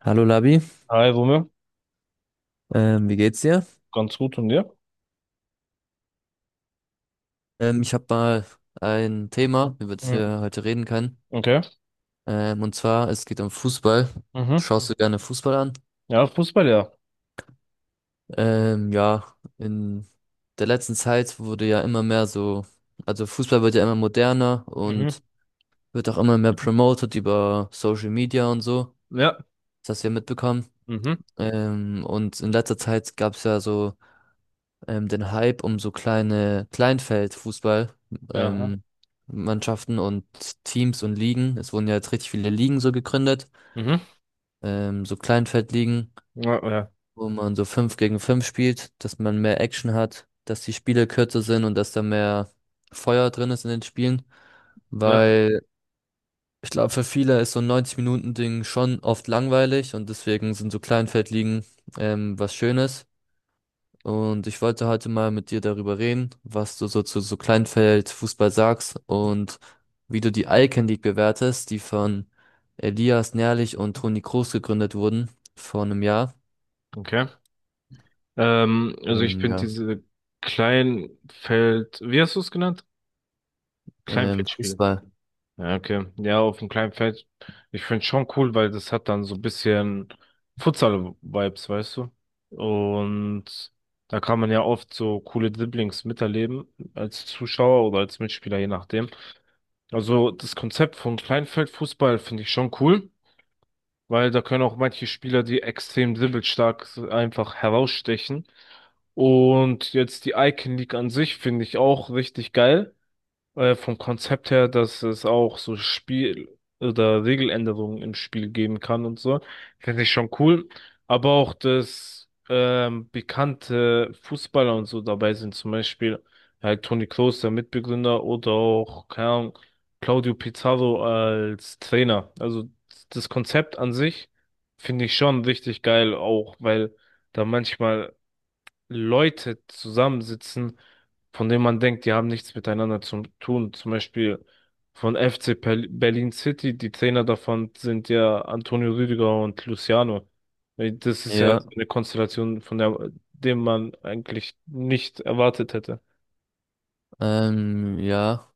Hallo Labi, Hi, Rumme. Wie geht's dir? Ganz gut und dir? Ich habe mal ein Thema, über das Mhm. wir heute reden können. Okay. Und zwar, es geht um Fußball. Mhm. Schaust du gerne Fußball an? Ja, Fußball, ja. Ja, in der letzten Zeit wurde ja immer mehr so, also Fußball wird ja immer moderner und Mhm. wird auch immer mehr promoted über Social Media und so. Ja. Das hast du ja mitbekommen. Mhm. Und in letzter Zeit gab es ja so den Hype um so kleine Kleinfeldfußball, Ja. Aha. ähm, Mannschaften und Teams und Ligen. Es wurden ja jetzt richtig viele Ligen so gegründet, Mhm. So Kleinfeldligen, Ja, ja. wo man so fünf gegen fünf spielt, dass man mehr Action hat, dass die Spiele kürzer sind und dass da mehr Feuer drin ist in den Spielen, Ja. weil ich glaube, für viele ist so ein 90-Minuten-Ding schon oft langweilig und deswegen sind so Kleinfeldligen was Schönes. Und ich wollte heute mal mit dir darüber reden, was du so zu so Kleinfeldfußball sagst und wie du die Icon League bewertest, die von Elias Nährlich und Toni Kroos gegründet wurden vor einem Jahr. Okay. Also ich finde Ja, diese Kleinfeld, wie hast du es genannt? Kleinfeldspiel. Fußball. Ja, okay. Ja, auf dem Kleinfeld. Ich finde schon cool, weil das hat dann so ein bisschen Futsal-Vibes, weißt du? Und da kann man ja oft so coole Dribblings miterleben als Zuschauer oder als Mitspieler, je nachdem. Also das Konzept von Kleinfeldfußball finde ich schon cool, weil da können auch manche Spieler, die extrem dribbelstark sind, einfach herausstechen. Und jetzt die Icon League an sich finde ich auch richtig geil, vom Konzept her, dass es auch so Spiel- oder Regeländerungen im Spiel geben kann und so. Finde ich schon cool. Aber auch, dass bekannte Fußballer und so dabei sind, zum Beispiel halt Toni Kroos, der Mitbegründer, oder auch, keine Ahnung, Claudio Pizarro als Trainer. Also das Konzept an sich finde ich schon richtig geil, auch weil da manchmal Leute zusammensitzen, von denen man denkt, die haben nichts miteinander zu tun. Zum Beispiel von FC Berlin City, die Trainer davon sind ja Antonio Rüdiger und Luciano. Das ist ja Ja, so eine Konstellation, von der dem man eigentlich nicht erwartet hätte. Ja.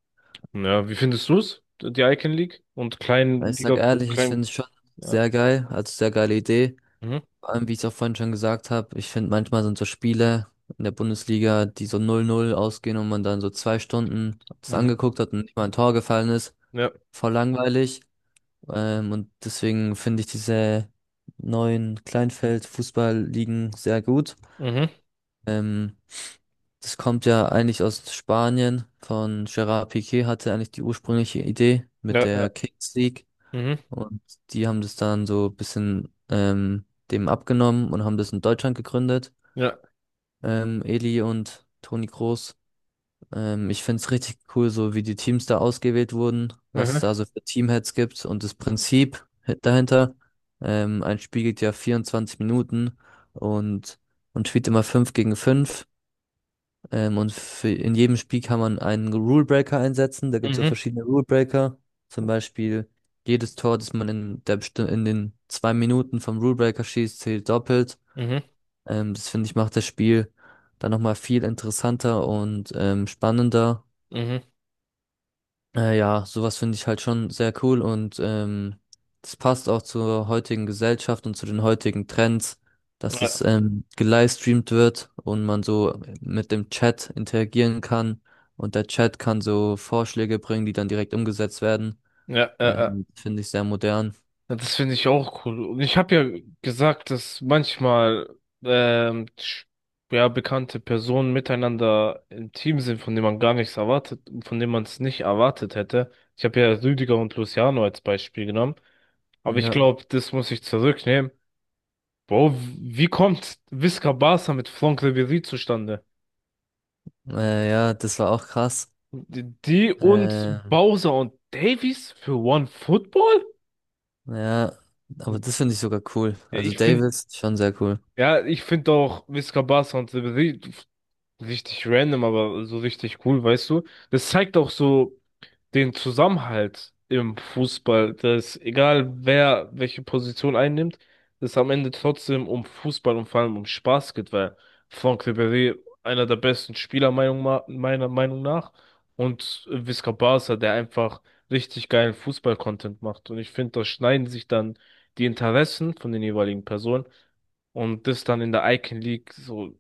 Ja, wie findest du es? Die Icon League und Ich sag Kleinliga, ehrlich, ich finde Klein, es schon ja. sehr geil, also sehr geile Idee. Mhm. Vor allem, wie ich es auch vorhin schon gesagt habe, ich finde manchmal sind so Spiele in der Bundesliga, die so 0-0 ausgehen und man dann so 2 Stunden das Mhm. angeguckt hat und nicht mal ein Tor gefallen ist, Ja. voll langweilig. Und deswegen finde ich diese neuen Kleinfeld-Fußballligen sehr gut. Mhm. Ähm, Das kommt ja eigentlich aus Spanien. Von Gerard Piqué hatte eigentlich die ursprüngliche Idee Ja. mit Ja. der Kings League. Mhm. Und die haben das dann so ein bisschen dem abgenommen und haben das in Deutschland gegründet. Ja. Eli und Toni Kroos. Ich finde es richtig cool, so wie die Teams da ausgewählt wurden, was Mhm. da so für Teamheads gibt und das Prinzip dahinter. Ein Spiel geht ja 24 Minuten und man spielt immer 5 gegen fünf. Und in jedem Spiel kann man einen Rulebreaker einsetzen. Da gibt es so Mhm. verschiedene Rulebreaker. Zum Beispiel jedes Tor, das man in den 2 Minuten vom Rulebreaker schießt, zählt doppelt. Mhm. Das finde ich macht das Spiel dann nochmal viel interessanter und spannender. Mhm. Ja, sowas finde ich halt schon sehr cool und das passt auch zur heutigen Gesellschaft und zu den heutigen Trends, dass es Ja. Gelivestreamt wird und man so mit dem Chat interagieren kann und der Chat kann so Vorschläge bringen, die dann direkt umgesetzt werden. Ja. Ja. Ja. Finde ich sehr modern. Ja, das finde ich auch cool. Und ich habe ja gesagt, dass manchmal ähm, sch- ja, bekannte Personen miteinander im Team sind, von denen man gar nichts erwartet, von denen man es nicht erwartet hätte. Ich habe ja Rüdiger und Luciano als Beispiel genommen. Aber ich Ja, glaube, das muss ich zurücknehmen. Bro, wie kommt Visca Barca mit Franck Ribéry zustande? Ja, das war auch krass. Die und Äh, Bowser und Davies für One Football? ja, aber das finde ich sogar cool. Also Ich finde, Davis, schon sehr cool. ja, ich finde auch Visca Barca und Ribéry. Richtig random, aber so richtig cool, weißt du? Das zeigt auch so den Zusammenhalt im Fußball, dass egal wer welche Position einnimmt, es am Ende trotzdem um Fußball und vor allem um Spaß geht, weil Franck Ribéry einer der besten Spieler meiner Meinung nach und Visca Barca, der einfach richtig geilen Fußball-Content macht. Und ich finde, da schneiden sich dann die Interessen von den jeweiligen Personen und das dann in der Icon League so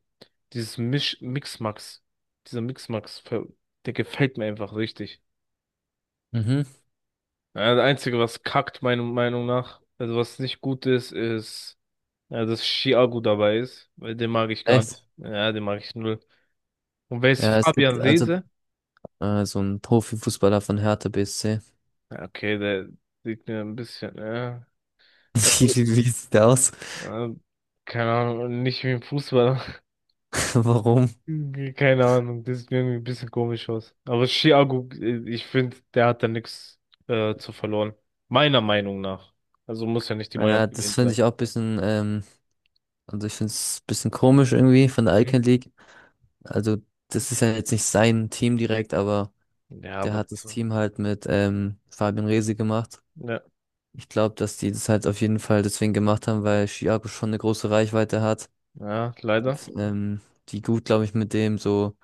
dieses Misch Mixmax, dieser Mixmax, der gefällt mir einfach richtig. Mhm. Ja, das Einzige, was kackt, meiner Meinung nach, also was nicht gut ist, ist, ja, dass Thiago dabei ist, weil den mag ich gar Echt? nicht. Ja, den mag ich null. Und wer Ja, ist es gibt, Fabian also Seese? So ein Profifußballer von Hertha BSC. Ja, okay, der sieht mir ein bisschen, ja, ja, Wie, gut, wie, wie sieht der aus? ja, keine Ahnung, nicht wie ein Fußballer. Warum? Keine Ahnung, das sieht mir irgendwie ein bisschen komisch aus. Aber Thiago, ich finde, der hat da nichts zu verloren. Meiner Meinung nach. Also muss ja nicht die Meinung Ja, von das denen finde sein. ich auch ein bisschen, also ich finde es ein bisschen komisch irgendwie von der Mhm. Icon League. Also das ist ja jetzt nicht sein Team direkt, aber Ja, der aber, hat das Team halt mit Fabian Rehse gemacht. ja, Ich glaube, dass die das halt auf jeden Fall deswegen gemacht haben, weil Thiago schon eine große Reichweite hat. ja, leider. Ähm, Die gut, glaube ich, mit dem so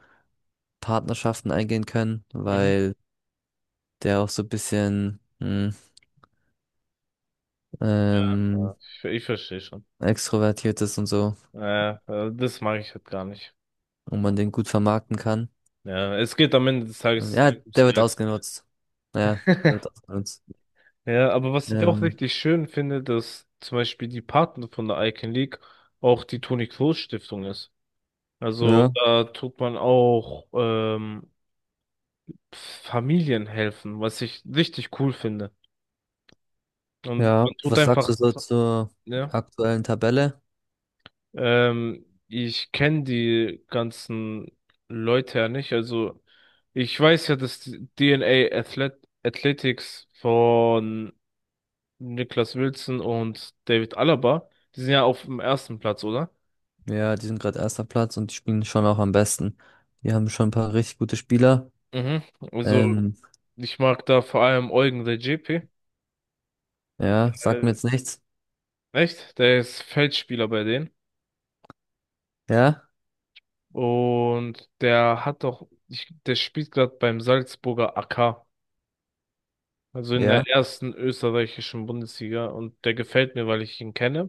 Partnerschaften eingehen können, Mhm. weil der auch so ein bisschen Ja, ähm, ich verstehe schon. extrovertiert ist und so Das mag ich halt gar nicht. und man den gut vermarkten kann. Ja, es geht am Ende des Tages Ja, ums der wird Geld. ausgenutzt. Ja, der wird ausgenutzt. Ja, aber was ich auch Ähm, richtig schön finde, dass zum Beispiel die Paten von der Icon League auch die Toni-Kroos-Stiftung ist. Also ja, da tut man auch Familien helfen, was ich richtig cool finde. Und ja. man tut Was sagst einfach, du so zur ja. aktuellen Tabelle? Ich kenne die ganzen Leute ja nicht. Also ich weiß ja, dass die DNA Athletics von Niklas Wilson und David Alaba, die sind ja auf dem ersten Platz, oder? Ja, die sind gerade erster Platz und die spielen schon auch am besten. Die haben schon ein paar richtig gute Spieler. Mhm. Also Ähm, ich mag da vor allem Eugen Redzepi. ja, sagt mir Äh, jetzt nichts. echt? Der ist Feldspieler bei denen. Ja, Und der hat doch, ich, der spielt gerade beim Salzburger AK. Also in der ja. ersten österreichischen Bundesliga und der gefällt mir, weil ich ihn kenne.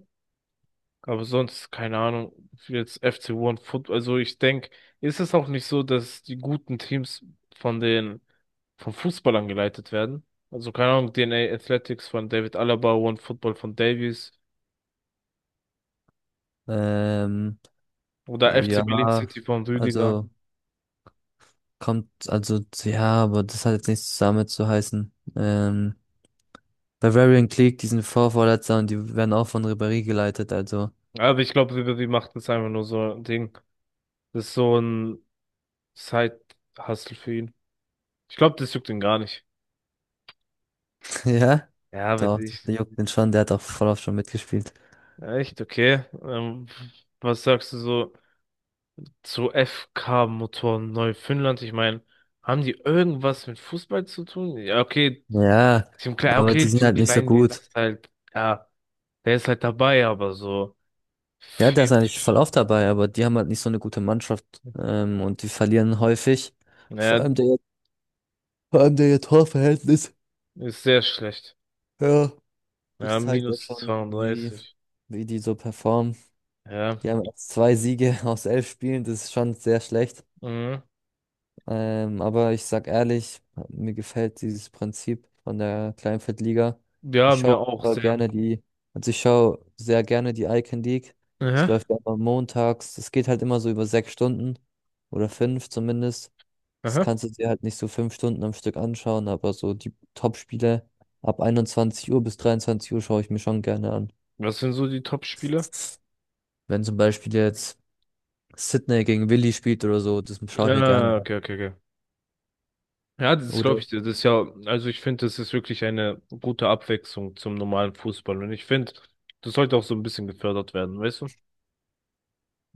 Aber sonst, keine Ahnung, jetzt FC One Football. Also ich denke, ist es auch nicht so, dass die guten Teams von den, von Fußballern geleitet werden? Also keine Ahnung, DNA Athletics von David Alaba, One Football von Davies Ähm, oder FC Berlin ja, City von Rüdiger. also kommt, also ja, aber das hat jetzt nichts damit zu heißen. Bavarian Clique, die sind Vorvorletzter und die werden auch von Ribéry geleitet, also Aber ich glaube, Ribery macht das einfach nur so ein Ding. Das ist so ein Side-Hustle für ihn. Ich glaube, das juckt ihn gar nicht. Ja? Ja, aber Doch, ich. der juckt den schon, der hat auch voll oft schon mitgespielt. Echt, okay. Was sagst du so zu FK-Motoren Neufundland? Ich meine, haben die irgendwas mit Fußball zu tun? Ja, okay, Ja, aber die okay, sind Team halt nicht so Kleindienst gut. ist halt, ja, der ist halt dabei, aber so Ja, der viel, ist eigentlich voll oft dabei, aber die haben halt nicht so eine gute Mannschaft, und die verlieren häufig. Vor ja, allem der, vor allem der Torverhältnis, ist sehr schlecht. ja, das Ja, zeigt ja minus schon, 32. wie die so performen. Ja, Die haben erst zwei Siege aus 11 Spielen, das ist schon sehr schlecht. mhm. Aber ich sag ehrlich, mir gefällt dieses Prinzip von der Kleinfeldliga. Ja, Ich mir schaue auch sehr. gerne die, also ich schaue sehr gerne die Icon League. Es Aha, läuft ja immer montags. Es geht halt immer so über 6 Stunden oder fünf zumindest. Das aha. kannst du dir halt nicht so 5 Stunden am Stück anschauen, aber so die Top-Spiele ab 21 Uhr bis 23 Uhr schaue ich mir schon gerne an. Was sind so die Top-Spiele? Wenn zum Beispiel jetzt Sydney gegen Willi spielt oder so, das schaue ich mir gerne Ah, an. okay, okay, okay. Ja, das ist, glaube Oder ich, das ist ja, also ich finde, das ist wirklich eine gute Abwechslung zum normalen Fußball. Und ich finde, das sollte auch so ein bisschen gefördert werden, weißt du?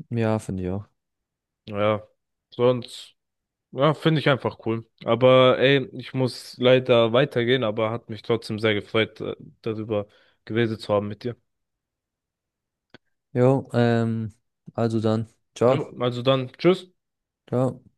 ja, finde ich auch. Ja, sonst, ja, finde ich einfach cool. Aber ey, ich muss leider weitergehen, aber hat mich trotzdem sehr gefreut, darüber geredet zu haben mit dir. Jo, also dann. Ciao, Jo, also dann, tschüss. ciao.